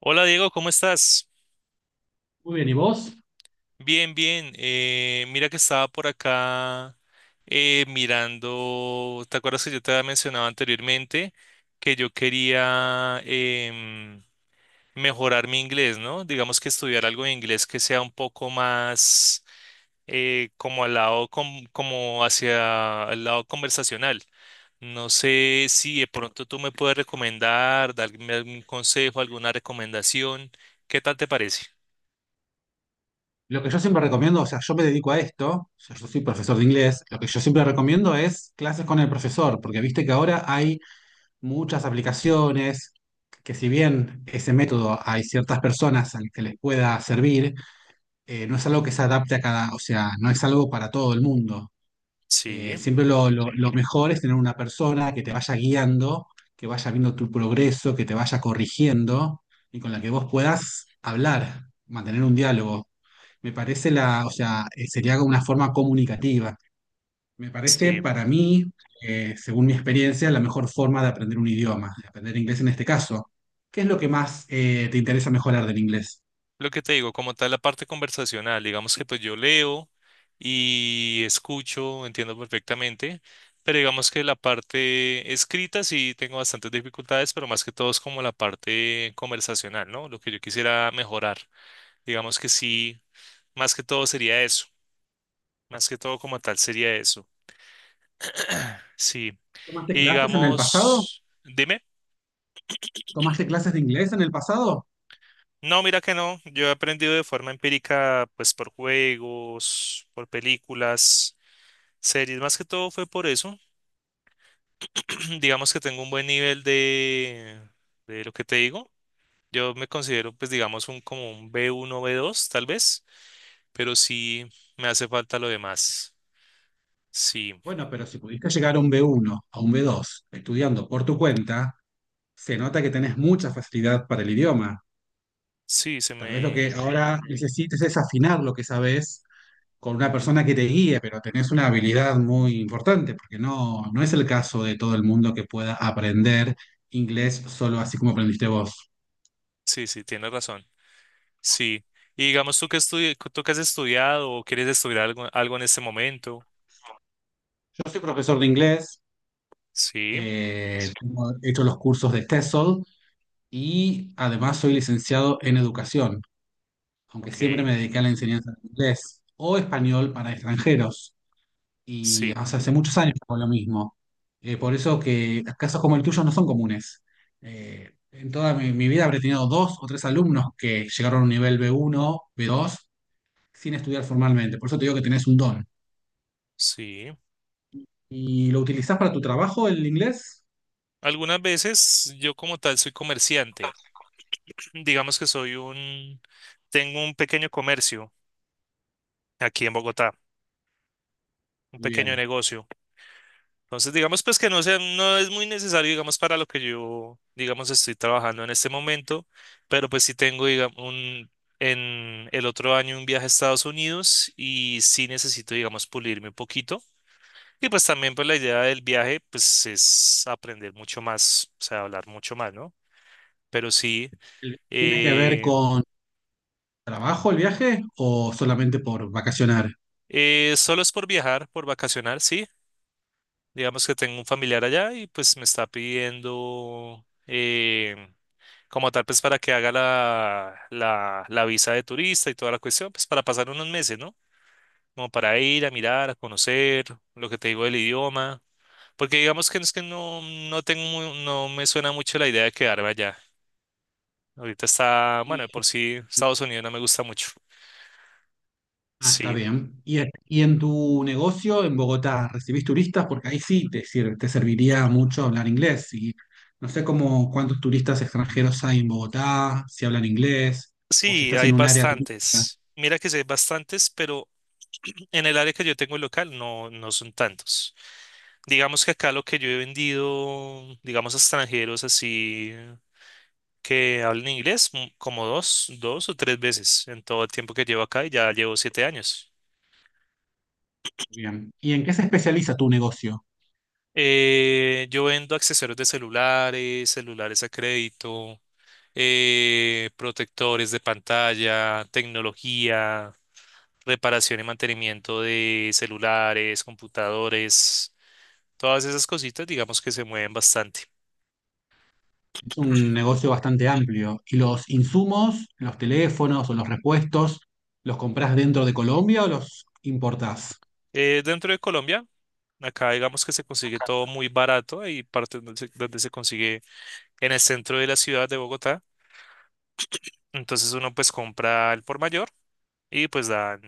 Hola Diego, ¿cómo estás? Muy bien, ¿y vos? Bien, bien. Mira que estaba por acá mirando. ¿Te acuerdas que yo te había mencionado anteriormente que yo quería mejorar mi inglés? ¿No? Digamos que estudiar algo de inglés que sea un poco más como al lado, como hacia el lado conversacional. No sé si de pronto tú me puedes recomendar, darme algún consejo, alguna recomendación. ¿Qué tal te parece? Lo que yo siempre recomiendo, o sea, yo me dedico a esto, o sea, yo soy profesor de inglés, lo que yo siempre recomiendo es clases con el profesor, porque viste que ahora hay muchas aplicaciones que si bien ese método hay ciertas personas al que les pueda servir, no es algo que se adapte a cada, o sea, no es algo para todo el mundo. Sí. Siempre lo mejor es tener una persona que te vaya guiando, que vaya viendo tu progreso, que te vaya corrigiendo y con la que vos puedas hablar, mantener un diálogo. Me parece la, o sea, sería una forma comunicativa. Me parece Sí, para mí, según mi experiencia, la mejor forma de aprender un idioma, de aprender inglés en este caso. ¿Qué es lo que más te interesa mejorar del inglés? lo que te digo, como tal la parte conversacional, digamos que pues yo leo y escucho, entiendo perfectamente, pero digamos que la parte escrita sí tengo bastantes dificultades, pero más que todo es como la parte conversacional, ¿no? Lo que yo quisiera mejorar, digamos que sí, más que todo sería eso, más que todo como tal sería eso, sí. ¿Tomaste Y clases en el pasado? digamos, dime. ¿Tomaste clases de inglés en el pasado? No, mira que no, yo he aprendido de forma empírica, pues por juegos, por películas. Series, más que todo fue por eso. Digamos que tengo un buen nivel de lo que te digo. Yo me considero, pues, digamos, un como un B1 B2 tal vez, pero sí me hace falta lo demás. Sí, Bueno, pero si pudiste llegar a un B1, a un B2, estudiando por tu cuenta, se nota que tenés mucha facilidad para el idioma. sí, se Tal vez lo que me. ahora necesites es afinar lo que sabes con una persona que te guíe, pero tenés una habilidad muy importante, porque no, no es el caso de todo el mundo que pueda aprender inglés solo así como aprendiste vos. Sí, sí, tienes razón. Sí. Y digamos, tú que has estudiado o quieres estudiar algo, algo en este momento. Yo soy profesor de inglés, Sí, he hecho los cursos de TESOL y además soy licenciado en educación, aunque siempre ok. me dediqué a la enseñanza de inglés o español para extranjeros. Y Sí, o sea, hace muchos años con lo mismo. Por eso que casos como el tuyo no son comunes. En toda mi vida habré tenido dos o tres alumnos que llegaron a un nivel B1, B2, sin estudiar formalmente. Por eso te digo que tenés un don. sí. ¿Y lo utilizás para tu trabajo el inglés? Algunas veces yo como tal soy comerciante. Digamos que soy un, tengo un pequeño comercio aquí en Bogotá, un Muy pequeño bien. negocio. Entonces, digamos pues que no sea, no es muy necesario, digamos, para lo que yo, digamos, estoy trabajando en este momento, pero pues sí tengo, digamos, un, en el otro año un viaje a Estados Unidos y sí necesito, digamos, pulirme un poquito. Y pues también pues la idea del viaje pues es aprender mucho más, o sea, hablar mucho más, ¿no? Pero sí, ¿Tiene que ver eh, con trabajo el viaje o solamente por vacacionar? Solo es por viajar, por vacacionar, sí. Digamos que tengo un familiar allá y pues me está pidiendo como tal pues para que haga la visa de turista y toda la cuestión, pues para pasar unos meses, ¿no? Como para ir a mirar, a conocer, lo que te digo del idioma, porque digamos que no es que no, no tengo, no me suena mucho la idea de quedarme allá. Ahorita está, bueno, de por sí Estados Unidos no me gusta mucho. Ah, está Sí, bien. Y en tu negocio en Bogotá recibís turistas? Porque ahí sí te serviría mucho hablar inglés. Y no sé cómo cuántos turistas extranjeros hay en Bogotá, si hablan inglés, o si sí, estás hay en un área turística. bastantes. Mira que sí hay bastantes, pero en el área que yo tengo local no, no son tantos. Digamos que acá lo que yo he vendido, digamos, a extranjeros así que hablen inglés, como 2 o 3 veces en todo el tiempo que llevo acá y ya llevo 7 años. Bien. ¿Y en qué se especializa tu negocio? Yo vendo accesorios de celulares, celulares a crédito, protectores de pantalla, tecnología, reparación y mantenimiento de celulares, computadores, todas esas cositas, digamos que se mueven bastante. Es un negocio bastante amplio. ¿Y los insumos, los teléfonos o los repuestos, los compras dentro de Colombia o los importás? Dentro de Colombia. Acá digamos que se consigue todo muy barato, hay partes donde se consigue en el centro de la ciudad de Bogotá. Entonces uno pues compra al por mayor y pues dan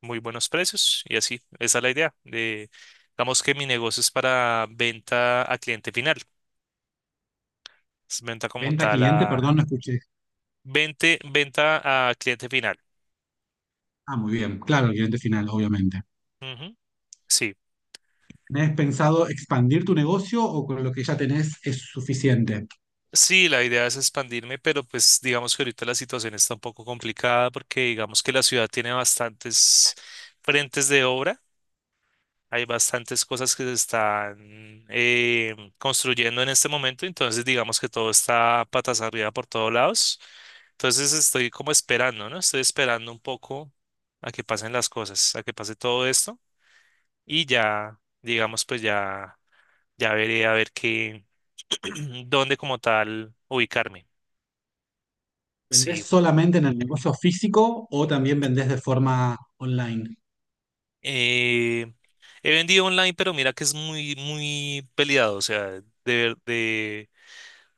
muy buenos precios y así, esa es la idea. De, digamos que mi negocio es para venta a cliente final, es venta como Venta a tal cliente, perdón, a no escuché. Venta a cliente final. Ah, muy bien. Claro, el cliente final, obviamente. Ujú, sí. ¿Tenés pensado expandir tu negocio o con lo que ya tenés es suficiente? Sí, la idea es expandirme, pero pues digamos que ahorita la situación está un poco complicada porque digamos que la ciudad tiene bastantes frentes de obra. Hay bastantes cosas que se están construyendo en este momento, entonces digamos que todo está patas arriba por todos lados. Entonces estoy como esperando, ¿no? Estoy esperando un poco a que pasen las cosas, a que pase todo esto y ya, digamos, pues ya, ya veré a ver qué, dónde como tal ubicarme. ¿Vendés Sí. solamente en el negocio físico o también vendés de forma online? Eh, He vendido online, pero mira que es muy, muy peleado, o sea, de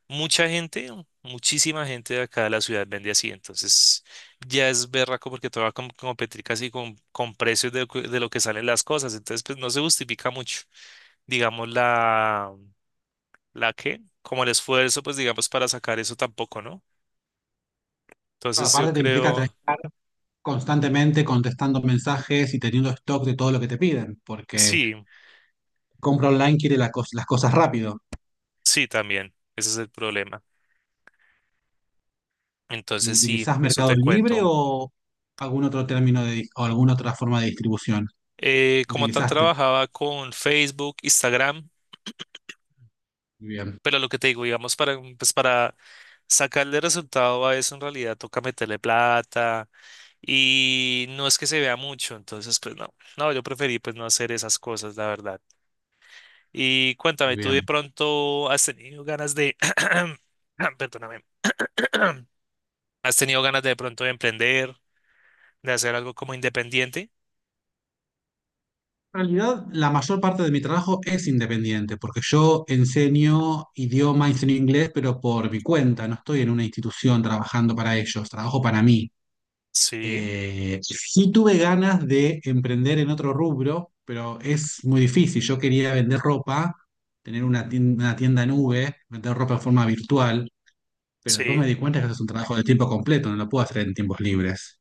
mucha gente, muchísima gente de acá de la ciudad vende así, entonces ya es berraco porque todo va a competir casi con precios de lo que salen las cosas, entonces pues no se justifica mucho, digamos la que, como el esfuerzo pues digamos para sacar eso tampoco, ¿no? Claro, Entonces yo aparte te implica tener creo, constantemente contestando mensajes y teniendo stock de todo lo que te piden, porque sí, compra online quiere las cosas rápido. sí también, ese es el problema, ¿Y entonces sí, utilizás eso Mercado te Libre cuento. o algún otro o alguna otra forma de distribución? Como tal Utilizaste. trabajaba con Facebook, Instagram. Muy bien, Pero lo que te digo, digamos, para, pues para sacarle resultado a eso, en realidad toca meterle plata y no es que se vea mucho, entonces, pues no, no, yo preferí pues no hacer esas cosas, la verdad. Y cuéntame, muy ¿tú de bien. pronto has tenido ganas de, ah, perdóname, has tenido ganas de pronto de emprender, de hacer algo como independiente? En realidad, la mayor parte de mi trabajo es independiente, porque yo enseño idioma, enseño inglés, pero por mi cuenta, no estoy en una institución trabajando para ellos, trabajo para mí. Sí, Sí tuve ganas de emprender en otro rubro, pero es muy difícil. Yo quería vender ropa, tener una tienda nube, vender ropa en forma virtual, pero después me sí, di cuenta que eso es un trabajo de tiempo completo, no lo puedo hacer en tiempos libres.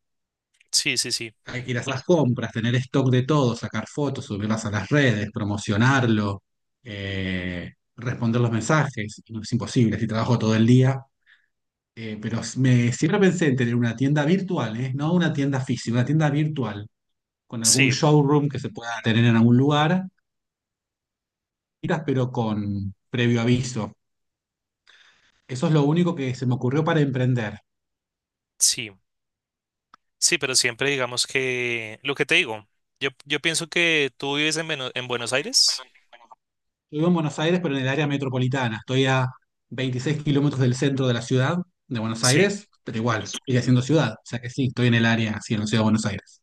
sí, sí, sí, Hay que ir a hacer las compras, tener stock de todo, sacar fotos, subirlas a las redes, promocionarlo, eh, responder los mensajes. No es imposible, si trabajo todo el día. Pero me, siempre pensé en tener una tienda virtual, ¿eh? No una tienda física, una tienda virtual, con algún sí, showroom que se pueda tener en algún lugar, pero con previo aviso. Eso es lo único que se me ocurrió para emprender. sí. Sí, pero siempre digamos que lo que te digo, yo pienso que tú vives en, en Buenos Aires. Yo vivo en Buenos Aires, pero en el área metropolitana. Estoy a 26 kilómetros del centro de la ciudad de Buenos Sí, Aires, pero igual, sigue siendo ciudad. O sea que sí, estoy en el área, sí, en la ciudad de Buenos Aires.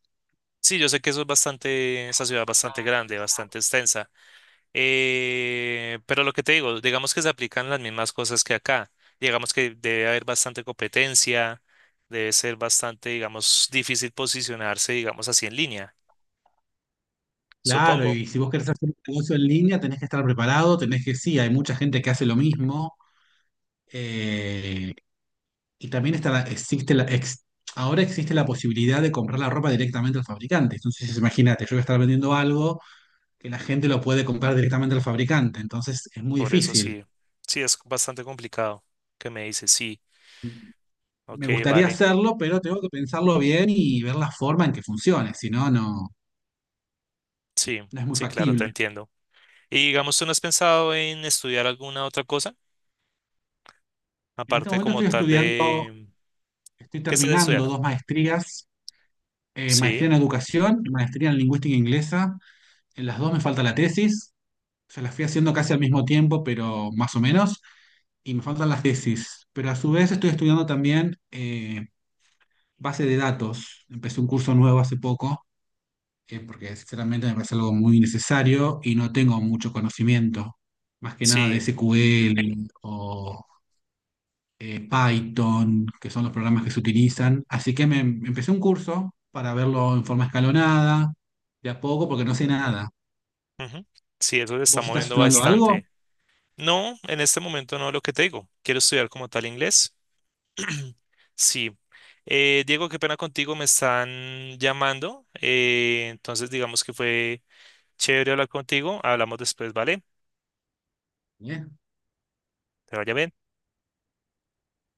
sí, yo sé que eso es bastante, esa ciudad es bastante grande, bastante extensa. Pero lo que te digo, digamos que se aplican las mismas cosas que acá. Digamos que debe haber bastante competencia, debe ser bastante, digamos, difícil posicionarse, digamos así en línea, Claro, supongo. y si vos querés hacer un negocio en línea, tenés que estar preparado, tenés que, sí, hay mucha gente que hace lo mismo. eh, y también existe ahora existe la posibilidad de comprar la ropa directamente al fabricante. Entonces, imagínate, yo voy a estar vendiendo algo que la gente lo puede comprar directamente al fabricante. Entonces, es muy Por eso difícil. sí, sí, es bastante complicado que me dices, sí, ok, Me gustaría vale, hacerlo, pero tengo que pensarlo bien y ver la forma en que funcione, si no, no, sí, no es muy sí, claro, te factible. entiendo. Y digamos, ¿tú no has pensado en estudiar alguna otra cosa? En este Aparte momento como estoy tal estudiando, de... estoy ¿Qué estás terminando estudiando? 2 maestrías, Sí, maestría en educación y maestría en lingüística inglesa. En las dos me falta la tesis, se las fui haciendo casi al mismo tiempo, pero más o menos, y me faltan las tesis. Pero a su vez estoy estudiando también base de datos. Empecé un curso nuevo hace poco porque sinceramente me parece algo muy necesario y no tengo mucho conocimiento, más que nada de sí. SQL o Python, que son los programas que se utilizan. Así que me empecé un curso para verlo en forma escalonada, de a poco, porque no sé nada. Ujú. Sí, eso se está ¿Vos estás moviendo estudiando algo? bastante. No, en este momento no lo que te digo. Quiero estudiar como tal inglés. Sí. Diego, qué pena contigo, me están llamando. Entonces, digamos que fue chévere hablar contigo. Hablamos después, ¿vale? ¿Eh? Te vaya bien.